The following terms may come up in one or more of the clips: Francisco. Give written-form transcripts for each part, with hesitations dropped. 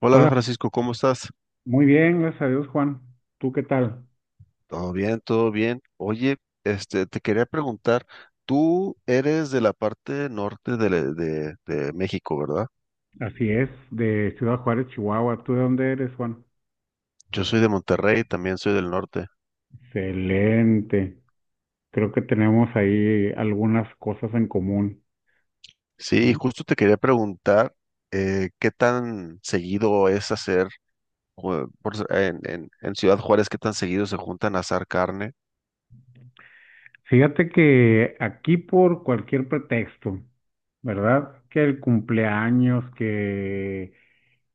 Hola Hola, Francisco, ¿cómo estás? muy bien, gracias a Dios, Juan. ¿Tú qué tal? Todo bien, todo bien. Oye, te quería preguntar, tú eres de la parte norte de México, ¿verdad? Así es, de Ciudad Juárez, Chihuahua. ¿Tú de dónde eres, Juan? Yo soy de Monterrey, también soy del norte. Excelente. Creo que tenemos ahí algunas cosas en común, Sí, ¿no? justo te quería preguntar qué tan seguido es hacer, jue- por s- en Ciudad Juárez, qué tan seguido se juntan a asar carne. Fíjate que aquí por cualquier pretexto, ¿verdad? Que el cumpleaños,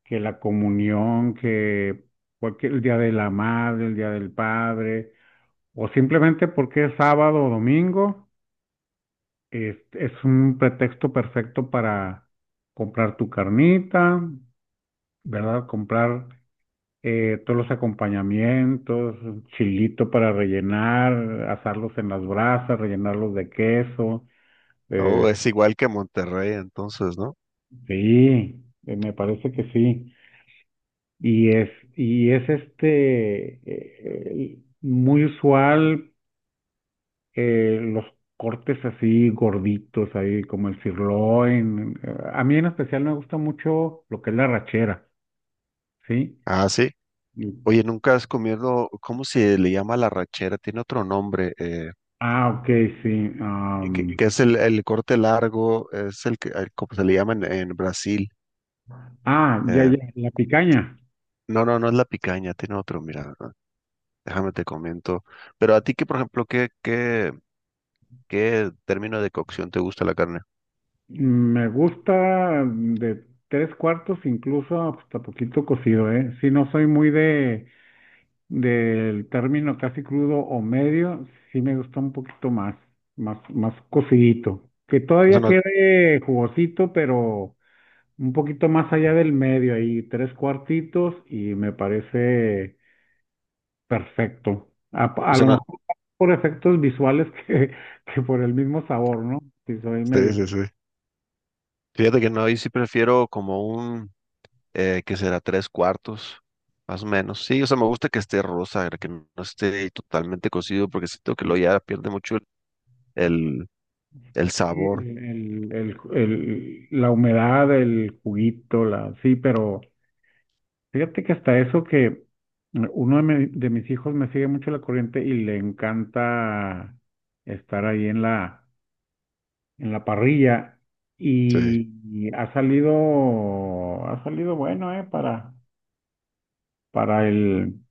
que la comunión, que cualquier, el día de la madre, el día del padre, o simplemente porque es sábado o domingo. Es un pretexto perfecto para comprar tu carnita, ¿verdad? Comprar todos los acompañamientos, chilito para rellenar, asarlos en las brasas, rellenarlos de queso. Oh, eh, es igual que Monterrey, entonces, ¿no? sí, me parece que sí. Y es, y es muy usual los cortes así gorditos, ahí como el sirloin. A mí en especial me gusta mucho lo que es la rachera, ¿sí? Ah, sí. Y- Oye, nunca has comido, ¿cómo se le llama la rachera? Tiene otro nombre. eh, Ah, ok, sí. eh, que, que es el corte largo, es el que, como se le llama en Brasil. Ah, ya, eh, ya, la picaña. no, no, no es la picaña, tiene otro, mira, ah, déjame te comento. Pero a ti, que por ejemplo, ¿ qué término de cocción te gusta la carne? Me gusta de tres cuartos, incluso hasta poquito cocido, ¿eh? Si no soy muy de del término casi crudo o medio, sí me gusta un poquito más, más cocidito. Que O sea, todavía no, quede jugosito, pero un poquito más allá del medio, ahí tres cuartitos y me parece perfecto. O A sea, lo no. mejor por efectos visuales que por el mismo sabor, ¿no? Si soy Sí, medio... sí, sí. Fíjate que no, ahí sí prefiero como un que será tres cuartos, más o menos. Sí, o sea, me gusta que esté rosa, que no esté totalmente cocido, porque siento que lo ya pierde mucho el, el Sí, sabor. La humedad, el juguito, la, sí, pero fíjate que hasta eso que uno de, de mis hijos me sigue mucho la corriente y le encanta estar ahí en la parrilla Sí, y, ha salido bueno, para, para el,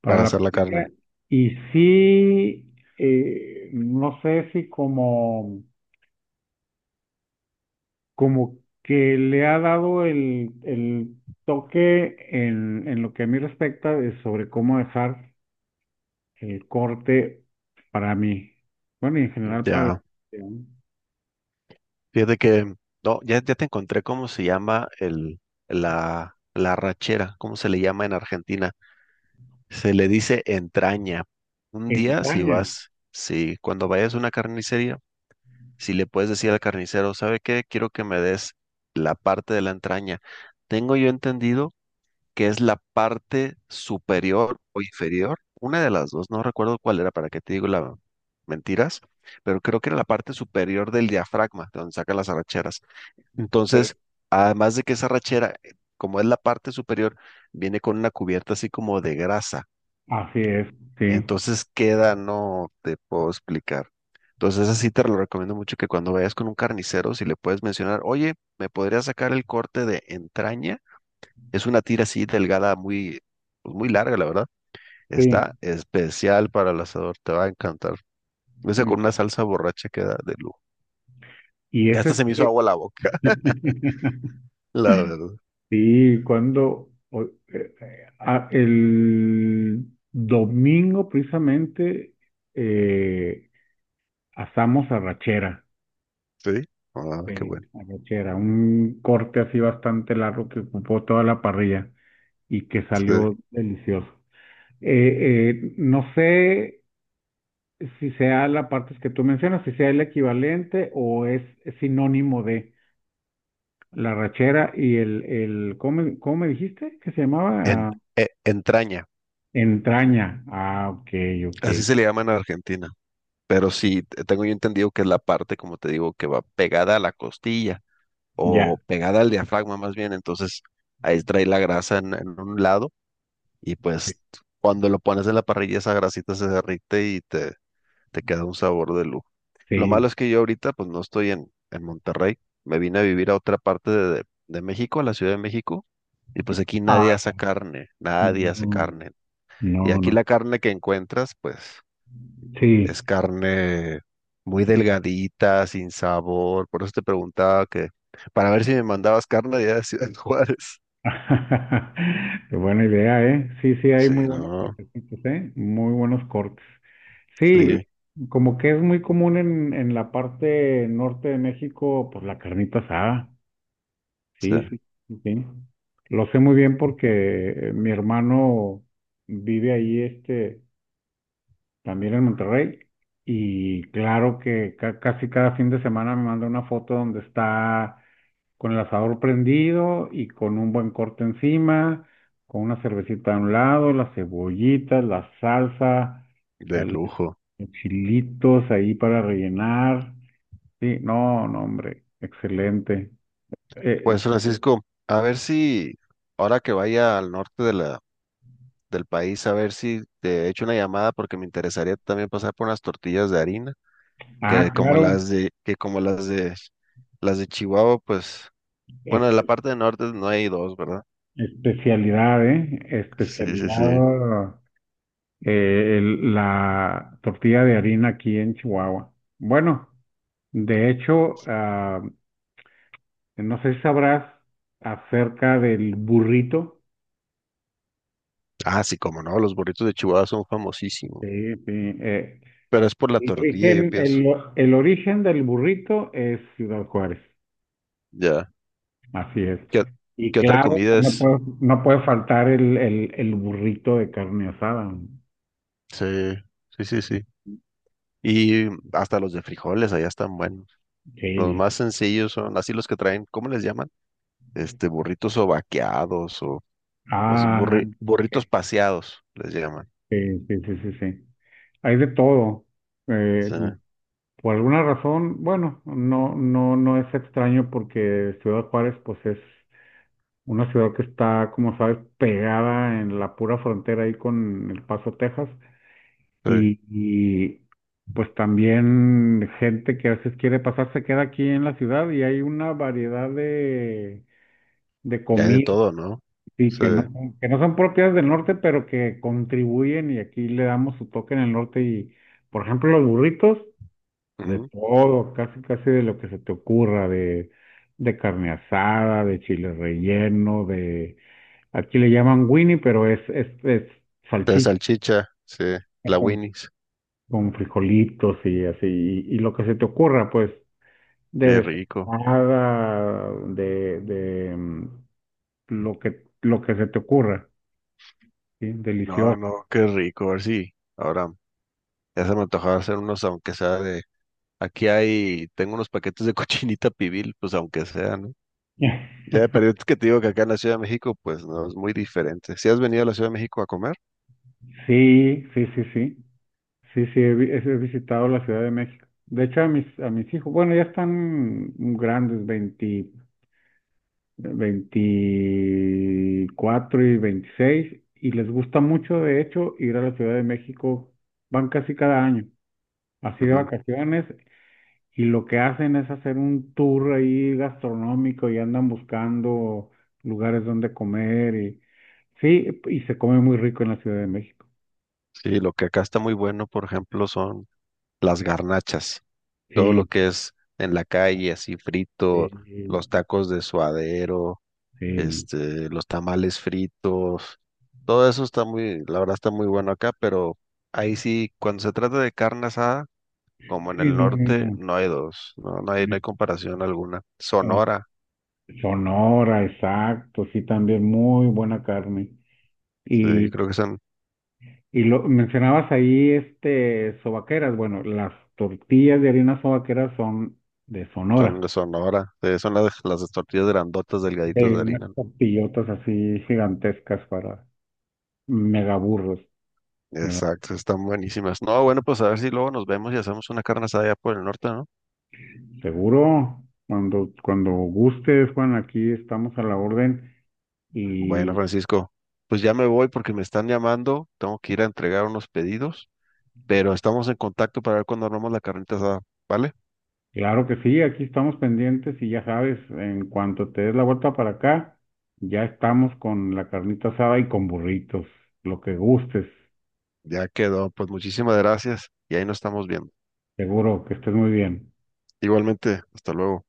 para para la hacer la parrilla. carne. Y sí, no sé si como que le ha dado el toque en lo que a mí respecta de sobre cómo dejar el corte para mí. Bueno, y en general para la Ya. Fíjate que, no, ya, ya te encontré cómo se llama la rachera, cómo se le llama en Argentina. Se le dice entraña. Un día, si entraña. vas, si cuando vayas a una carnicería, si le puedes decir al carnicero, ¿sabe qué? Quiero que me des la parte de la entraña. Tengo yo entendido que es la parte superior o inferior, una de las dos, no recuerdo cuál era, para qué te digo la mentiras, pero creo que era la parte superior del diafragma, de donde saca las arracheras. Sí, Entonces, además de que esa rachera, como es la parte superior, viene con una cubierta así como de grasa. así es, sí, Entonces queda, no te puedo explicar. Entonces, así te lo recomiendo mucho que cuando vayas con un carnicero, si le puedes mencionar, oye, ¿me podría sacar el corte de entraña? Es una tira así delgada, muy, pues, muy larga, la verdad. Está sí. especial para el asador, te va a encantar. Ese con una salsa borracha queda de lujo. Y Ya hasta ese se me hizo es, agua la boca, la verdad. sí, el domingo precisamente eh, asamos arrachera, Sí. Ah, qué bueno. arrachera, un corte así bastante largo que ocupó toda la parrilla y que Sí. salió delicioso. No sé si sea la parte que tú mencionas, si sea el equivalente o es sinónimo de... La rachera y el cómo me dijiste que se llamaba? En- Ah, Entraña, entraña. Ah, ok, ok. así se le llama en Argentina, pero sí, tengo yo entendido que es la parte, como te digo, que va pegada a la costilla Ya, o pegada al diafragma más bien, entonces ahí trae la grasa en un lado y sí. pues cuando lo pones en la parrilla esa grasita se derrite y te queda un sabor de lujo. Lo malo Sí. es que yo ahorita pues no estoy en Monterrey, me vine a vivir a otra parte de México, a la Ciudad de México, y pues aquí Ah, nadie hace ya. carne, nadie hace Mm, carne. Y no, aquí no. la carne que encuentras, pues Sí, es carne muy sí. delgadita, sin sabor. Por eso te preguntaba que, para ver si me mandabas carne de allá de Ciudad Juárez. Qué buena idea, ¿eh? Sí, sí, hay Sí, muy buenos no, cortecitos, ¿eh? Muy buenos cortes. sí, Sí, o como que es muy común en la parte norte de México, pues la carnita asada. Sí, sí, sí. Lo sé muy bien porque mi hermano vive ahí, este, también en Monterrey. Y claro que casi cada fin de semana me manda una foto donde está con el asador prendido y con un buen corte encima, con una cervecita a un lado, las cebollitas, la salsa, de el- lujo. los chilitos ahí para rellenar. Sí, no, no, hombre, excelente. Eh, Pues Francisco, a ver si ahora que vaya al norte de la, del país, a ver si te echo una llamada porque me interesaría también pasar por unas tortillas de harina, ah, claro. Que como las de Chihuahua, pues, bueno, en la parte del norte no hay dos, ¿verdad? Especialidad, ¿eh? Sí, sí, sí. Especialidad, la tortilla de harina aquí en Chihuahua. Bueno, de hecho, ah, no sé si sabrás acerca del burrito. Ah, sí, como no, los burritos de Chihuahua son famosísimos. Sí, sí, eh, Pero es por la el tortilla, yo origen, pienso. El origen del burrito es Ciudad Juárez, Ya. así es. ¿Qué, Y qué otra claro, comida es? No puede faltar el burrito de carne asada. Sí, sí, sí, sí. Y hasta los de frijoles allá están buenos. Los Sí. más sencillos son así los que traen, ¿cómo les llaman? Este, burritos o vaqueados o Ah, burritos ok. paseados, les llaman. Sí, sí, sí, sí, sí. Hay de todo. Eh, Sí, por alguna razón, bueno, no es extraño porque Ciudad Juárez, pues es una ciudad que está, como sabes, pegada en la pura frontera ahí con El Paso, Texas. sí. Y, y, pues también gente que a veces quiere pasar se queda aquí en la ciudad y hay una variedad de Y hay de comidas. todo, ¿no? Sí, Sí. que no, que no son propias del norte, pero que contribuyen y aquí le damos su toque en el norte y, por ejemplo, los burritos, de Ujú. todo, casi casi de lo que se te ocurra, de carne asada, de chile relleno, de, aquí le llaman Winnie, pero es De salchicha salchicha, sí. La con, Winnie's. con frijolitos y así, y lo que se te ocurra, pues, Qué de rico. desalmada, lo que se te ocurra, ¿sí? No, Delicioso. no, qué rico. A ver si ahora ya se me antojaba hacer unos, aunque sea de... Aquí hay, tengo unos paquetes de cochinita pibil, pues aunque sea, ¿no? Ya, pero es que te digo que acá en la Ciudad de México, pues no, es muy diferente. ¿Si has venido a la Ciudad de México a comer? Sí, sí, sí, sí. Sí, sí, he visitado la Ciudad de México. De hecho, a mis hijos, bueno, ya están grandes, 20, 24 y 26, y les gusta mucho, de hecho, ir a la Ciudad de México. Van casi cada año, así de Ujú. vacaciones, y lo que hacen es hacer un tour ahí gastronómico y andan buscando lugares donde comer. Y, sí, y se come muy rico en la Ciudad de México. Sí, lo que acá está muy bueno, por ejemplo, son las garnachas. Todo lo Sí, que es en la calle, así frito, los sí. tacos de suadero, Sí, este, los tamales fritos. Todo eso está muy, la verdad está muy bueno acá, pero ahí sí, cuando se trata de carne asada, como en sí, el no, norte, no, no hay dos, no, no hay, no. no hay comparación alguna. eh, Sonora, Sonora, exacto, sí, también muy buena carne. sí, Y, creo que son, y lo mencionabas ahí, este, sobaqueras. Bueno, las tortillas de harina sobaqueras son de Sonora. son de Sonora, sí, son las tortillas grandotas, delgaditas de Unas harina. tortillotas así gigantescas para megaburros, ¿verdad? Exacto, están buenísimas. No, bueno, pues a ver si luego nos vemos y hacemos una carne asada allá por el norte, ¿no? Seguro, cuando, cuando gustes, Juan, aquí estamos a la orden. Bueno, Francisco, pues ya me voy porque me están llamando, tengo que ir a entregar unos pedidos, pero estamos en contacto para ver cuándo armamos la carnita asada, ¿vale? Claro que sí, aquí estamos pendientes y ya sabes, en cuanto te des la vuelta para acá, ya estamos con la carnita asada y con burritos, lo que gustes. Ya quedó, pues muchísimas gracias y ahí nos estamos viendo. Seguro. Que estés muy bien. Igualmente, hasta luego.